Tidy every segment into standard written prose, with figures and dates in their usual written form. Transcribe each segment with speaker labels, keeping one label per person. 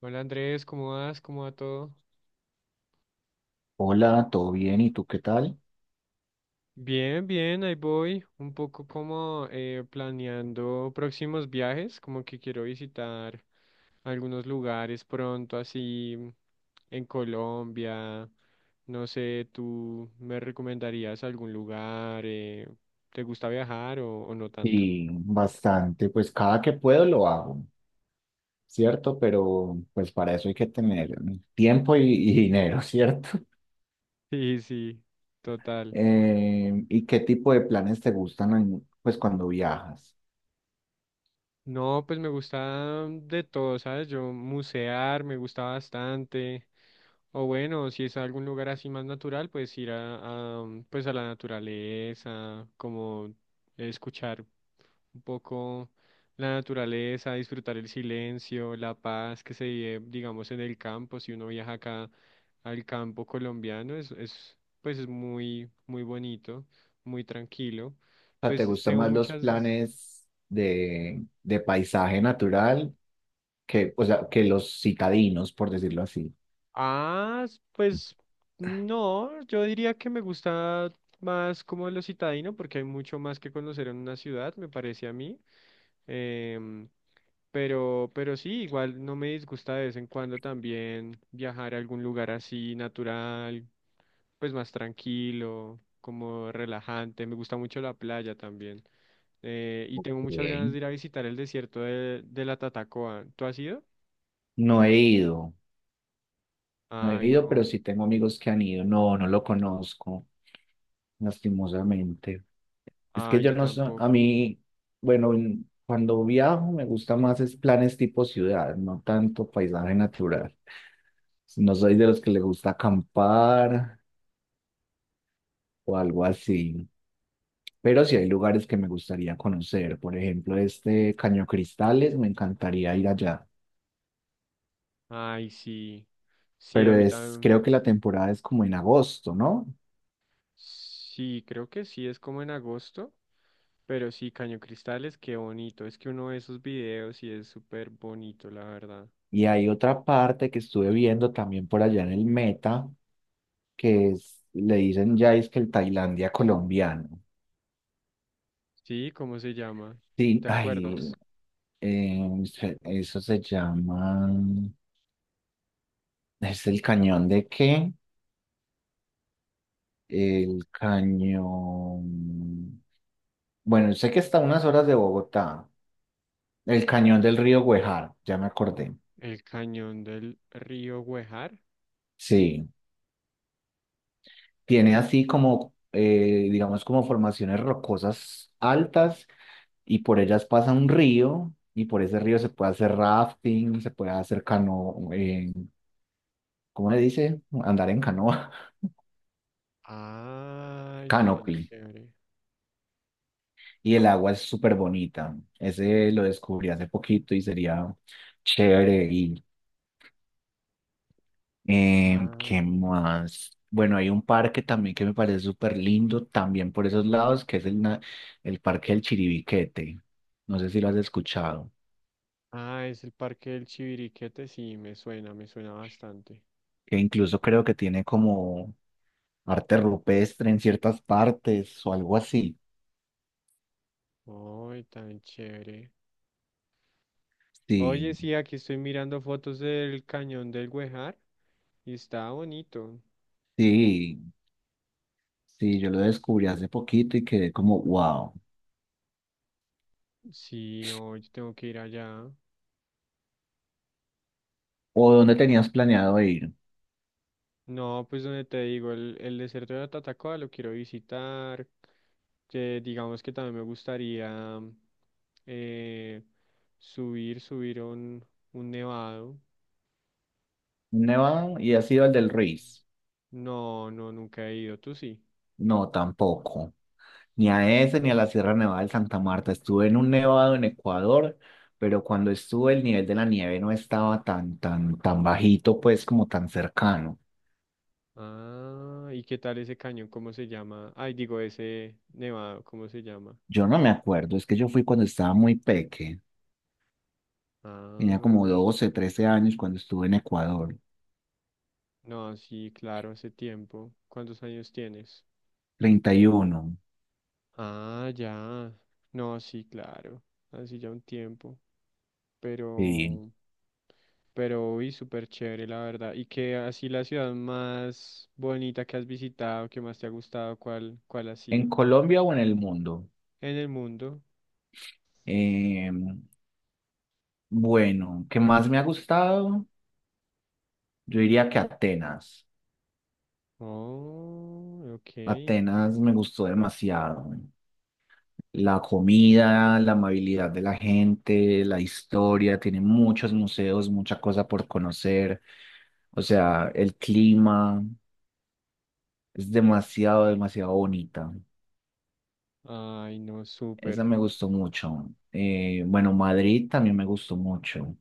Speaker 1: Hola Andrés, ¿cómo vas? ¿Cómo va todo?
Speaker 2: Hola, ¿todo bien? ¿Y tú qué tal?
Speaker 1: Bien, bien, ahí voy. Un poco como planeando próximos viajes, como que quiero visitar algunos lugares pronto, así en Colombia. No sé, ¿tú me recomendarías algún lugar? ¿Te gusta viajar o no tanto?
Speaker 2: Y bastante, pues cada que puedo lo hago, ¿cierto? Pero pues para eso hay que tener tiempo y dinero, ¿cierto?
Speaker 1: Sí, sí, total.
Speaker 2: ¿Y qué tipo de planes te gustan pues cuando viajas?
Speaker 1: No, pues me gusta de todo, ¿sabes? Yo musear me gusta bastante. O bueno, si es algún lugar así más natural, pues ir a, pues a la naturaleza, como escuchar un poco la naturaleza, disfrutar el silencio, la paz que se vive, digamos, en el campo. Si uno viaja acá al campo colombiano, es pues es muy, muy bonito, muy tranquilo.
Speaker 2: O sea, ¿te
Speaker 1: Pues
Speaker 2: gustan
Speaker 1: tengo
Speaker 2: más los
Speaker 1: muchas.
Speaker 2: planes de paisaje natural que, o sea, que los citadinos, por decirlo así?
Speaker 1: Ah, pues no, yo diría que me gusta más como lo citadino porque hay mucho más que conocer en una ciudad, me parece a mí. Em, pero sí, igual no me disgusta de vez en cuando también viajar a algún lugar así natural, pues más tranquilo, como relajante. Me gusta mucho la playa también. Y tengo muchas ganas
Speaker 2: Bien.
Speaker 1: de ir a visitar el desierto de la Tatacoa. ¿Tú has ido?
Speaker 2: No he ido,
Speaker 1: Ay,
Speaker 2: pero
Speaker 1: no.
Speaker 2: sí tengo amigos que han ido. No, no lo conozco, lastimosamente. Es que
Speaker 1: Ay,
Speaker 2: yo
Speaker 1: yo
Speaker 2: no sé, a
Speaker 1: tampoco.
Speaker 2: mí, bueno, cuando viajo me gusta más es planes tipo ciudad, no tanto paisaje natural. No soy de los que le gusta acampar o algo así, pero sí hay lugares que me gustaría conocer. Por ejemplo, este Caño Cristales, me encantaría ir allá,
Speaker 1: Ay, sí. Sí, a
Speaker 2: pero
Speaker 1: mí
Speaker 2: es,
Speaker 1: también.
Speaker 2: creo que la temporada es como en agosto, ¿no?
Speaker 1: Sí, creo que sí, es como en agosto. Pero sí, Caño Cristales, qué bonito. Es que uno de esos videos y es súper bonito, la verdad.
Speaker 2: Y hay otra parte que estuve viendo también por allá en el Meta, que es, le dicen ya es que el Tailandia colombiano.
Speaker 1: Sí, ¿cómo se llama?
Speaker 2: Sí,
Speaker 1: ¿Te
Speaker 2: ay,
Speaker 1: acuerdas?
Speaker 2: Eso se llama, ¿es el cañón de qué? El cañón, bueno, sé que está a unas horas de Bogotá, el cañón del río Güejar, ya me acordé.
Speaker 1: El cañón del río Huejar.
Speaker 2: Sí, tiene así como, digamos, como formaciones rocosas altas y por ellas pasa un río y por ese río se puede hacer rafting, se puede hacer cano, ¿cómo le dice? Andar en canoa,
Speaker 1: Ay, tan
Speaker 2: canopy.
Speaker 1: chévere.
Speaker 2: Y el agua es súper bonita. Ese lo descubrí hace poquito y sería chévere ir.
Speaker 1: Ah,
Speaker 2: ¿Qué más? Bueno, hay un parque también que me parece súper lindo, también por esos lados, que es el Parque del Chiribiquete. No sé si lo has escuchado,
Speaker 1: ah, es el parque del Chiviriquete. Sí, me suena bastante.
Speaker 2: que incluso creo que tiene como arte rupestre en ciertas partes o algo así.
Speaker 1: Ay, tan chévere. Oye,
Speaker 2: Sí,
Speaker 1: sí, aquí estoy mirando fotos del cañón del Güejar y está bonito.
Speaker 2: sí, sí, yo lo descubrí hace poquito y quedé como, wow.
Speaker 1: Sí, hoy tengo que ir allá.
Speaker 2: ¿O dónde tenías planeado ir?
Speaker 1: No, pues donde te digo, el desierto de Tatacoa lo quiero visitar, que digamos que también me gustaría eh, subir a un nevado.
Speaker 2: Nevado y ha sido el del Ruiz.
Speaker 1: No, no, nunca he ido, tú sí.
Speaker 2: No, tampoco. Ni a ese ni a la Sierra Nevada de Santa Marta. Estuve en un nevado en Ecuador, pero cuando estuve el nivel de la nieve no estaba tan bajito, pues como tan cercano.
Speaker 1: Ah, ¿y qué tal ese cañón? ¿Cómo se llama? Ay, digo, ese nevado, ¿cómo se llama?
Speaker 2: Yo no me acuerdo, es que yo fui cuando estaba muy peque. Tenía como
Speaker 1: Ah.
Speaker 2: 12, 13 años cuando estuve en Ecuador.
Speaker 1: No, sí, claro, hace tiempo. ¿Cuántos años tienes?
Speaker 2: 31.
Speaker 1: Ah, ya. No, sí, claro. Así ya un tiempo.
Speaker 2: Sí.
Speaker 1: Pero, pero, uy, súper chévere, la verdad. Y qué así la ciudad más bonita que has visitado, que más te ha gustado, ¿cuál ha
Speaker 2: ¿En
Speaker 1: sido?
Speaker 2: Colombia o en el mundo?
Speaker 1: En el mundo.
Speaker 2: Em, bueno, ¿qué más me ha gustado? Yo diría que Atenas.
Speaker 1: Oh, ok.
Speaker 2: Atenas me gustó demasiado. La comida, la amabilidad de la gente, la historia, tiene muchos museos, mucha cosa por conocer. O sea, el clima es demasiado, demasiado bonita.
Speaker 1: Ay, no,
Speaker 2: Esa
Speaker 1: súper.
Speaker 2: me gustó mucho. Bueno, Madrid también me gustó mucho.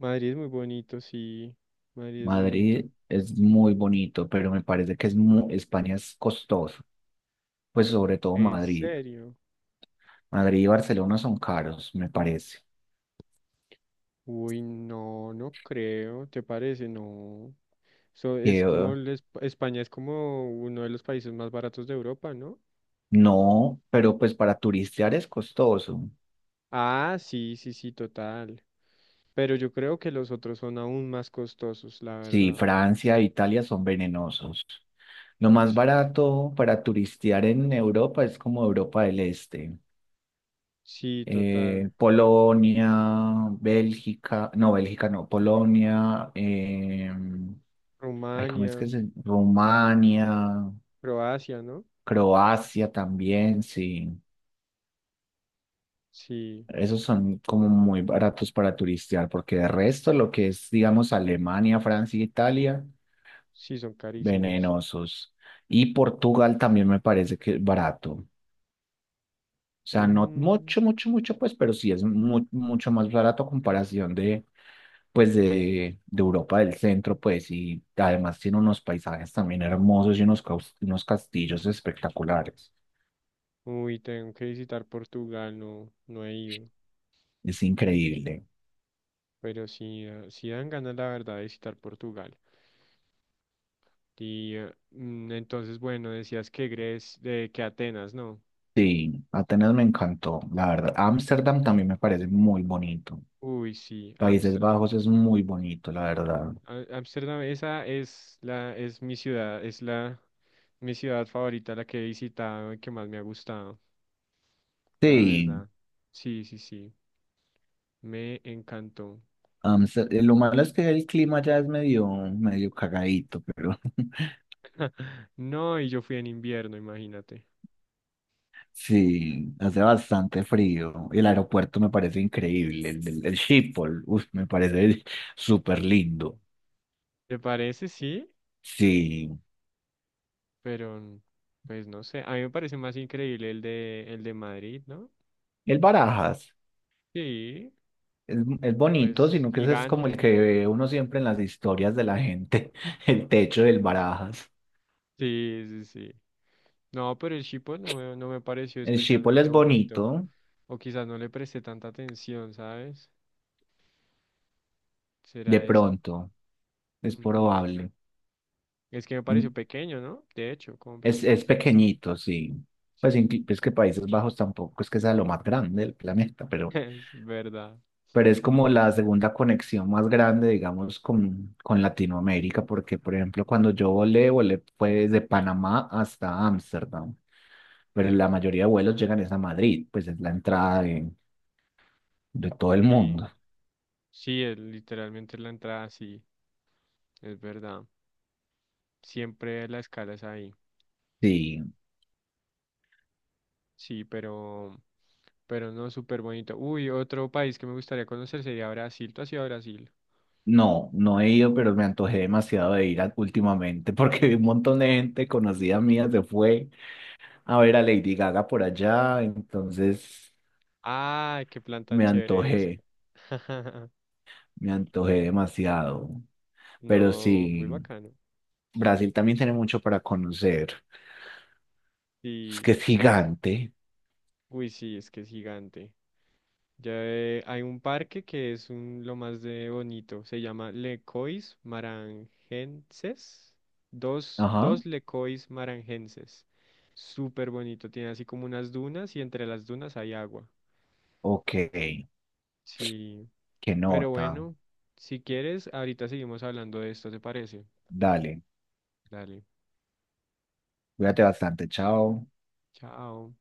Speaker 1: Madrid es muy bonito, sí. Madrid es bonito.
Speaker 2: Madrid es muy bonito, pero me parece que es España es costoso, pues sobre todo
Speaker 1: ¿En
Speaker 2: Madrid.
Speaker 1: serio?
Speaker 2: Madrid y Barcelona son caros, me parece.
Speaker 1: Uy, no, no creo. ¿Te parece? No. So, es como el España es como uno de los países más baratos de Europa, ¿no?
Speaker 2: No, pero pues para turistear es costoso.
Speaker 1: Ah, sí, sí, sí, total. Pero yo creo que los otros son aún más costosos, la
Speaker 2: Sí,
Speaker 1: verdad.
Speaker 2: Francia e Italia son venenosos. Lo más
Speaker 1: Sí,
Speaker 2: barato para turistear en Europa es como Europa del Este.
Speaker 1: sí, total.
Speaker 2: Polonia, Bélgica no, Polonia, ay, ¿cómo es que
Speaker 1: Rumania,
Speaker 2: se? Rumania,
Speaker 1: Croacia, ¿no?
Speaker 2: Croacia también, sí.
Speaker 1: Sí,
Speaker 2: Esos son como muy baratos para turistear, porque de resto lo que es, digamos, Alemania, Francia, e Italia.
Speaker 1: sí, son carísimos.
Speaker 2: Venenosos. Y Portugal también me parece que es barato. O sea, no
Speaker 1: Mm.
Speaker 2: mucho, mucho, mucho, pues, pero sí es mucho más barato a comparación de, pues, de Europa del centro, pues, y además tiene unos paisajes también hermosos y unos, unos castillos espectaculares.
Speaker 1: Uy, tengo que visitar Portugal, no, no he ido.
Speaker 2: Es increíble.
Speaker 1: Pero sí, sí dan ganas, la verdad, de visitar Portugal. Y entonces, bueno, decías que Grecia, de que Atenas, ¿no?
Speaker 2: Sí, Atenas me encantó, la verdad. Ámsterdam también me parece muy bonito.
Speaker 1: Uy, sí,
Speaker 2: Países
Speaker 1: Ámsterdam.
Speaker 2: Bajos es muy bonito, la verdad.
Speaker 1: Ámsterdam, esa es la, es mi ciudad, es la mi ciudad favorita, la que he visitado y que más me ha gustado, la
Speaker 2: Sí.
Speaker 1: verdad. Sí, sí, sí, me encantó.
Speaker 2: Ámsterdam, lo malo es que el clima ya es medio cagadito, pero
Speaker 1: No, y yo fui en invierno, imagínate.
Speaker 2: sí, hace bastante frío. El aeropuerto me parece increíble, el Schiphol, uf, me parece súper lindo.
Speaker 1: ¿Te parece? Sí,
Speaker 2: Sí,
Speaker 1: pero pues no sé, a mí me parece más increíble el de Madrid, ¿no?
Speaker 2: el Barajas
Speaker 1: Sí,
Speaker 2: es bonito,
Speaker 1: pues
Speaker 2: sino que ese es como el
Speaker 1: gigante.
Speaker 2: que ve uno siempre en las historias de la gente, el techo del Barajas.
Speaker 1: Sí, sí, sí. No, pero el Chipo no me, no me pareció
Speaker 2: El Schiphol
Speaker 1: especialmente
Speaker 2: es
Speaker 1: bonito.
Speaker 2: bonito,
Speaker 1: O quizás no le presté tanta atención, ¿sabes?
Speaker 2: de
Speaker 1: ¿Será eso?
Speaker 2: pronto, es
Speaker 1: Mm,
Speaker 2: probable.
Speaker 1: Es que me pareció pequeño, ¿no? De hecho, como
Speaker 2: Es
Speaker 1: pequeñito.
Speaker 2: pequeñito, sí. Pues
Speaker 1: Sí,
Speaker 2: es que Países Bajos tampoco es que sea lo más grande del planeta,
Speaker 1: es verdad.
Speaker 2: pero es como la segunda conexión más grande, digamos, con Latinoamérica, porque, por ejemplo, cuando yo volé, volé pues de Panamá hasta Ámsterdam, pero la mayoría de vuelos llegan es a Madrid, pues es la entrada de todo el
Speaker 1: Sí,
Speaker 2: mundo.
Speaker 1: sí, es literalmente la entrada, sí, es verdad. Siempre la escala es ahí.
Speaker 2: Sí,
Speaker 1: Sí, pero no súper bonito. Uy, otro país que me gustaría conocer sería Brasil. ¿Tú has ido a Brasil?
Speaker 2: no, no he ido, pero me antojé demasiado de últimamente, porque un montón de gente conocida mía se fue a ver a Lady Gaga por allá, entonces
Speaker 1: ¡Ay, qué plan tan
Speaker 2: me
Speaker 1: chévere
Speaker 2: antojé,
Speaker 1: ese!
Speaker 2: me antojé demasiado. Pero
Speaker 1: No, muy
Speaker 2: sí,
Speaker 1: bacano.
Speaker 2: Brasil también tiene mucho para conocer. Es que
Speaker 1: Sí,
Speaker 2: es gigante.
Speaker 1: uy, sí, es que es gigante. Ya hay un parque que es un, lo más de bonito. Se llama Lecois Marangenses. Dos,
Speaker 2: Ajá.
Speaker 1: dos Lecois Marangenses. Súper bonito. Tiene así como unas dunas y entre las dunas hay agua.
Speaker 2: Ok, qué
Speaker 1: Sí. Pero
Speaker 2: nota.
Speaker 1: bueno, si quieres, ahorita seguimos hablando de esto, ¿te parece?
Speaker 2: Dale,
Speaker 1: Dale.
Speaker 2: cuídate bastante, chao.
Speaker 1: Chao.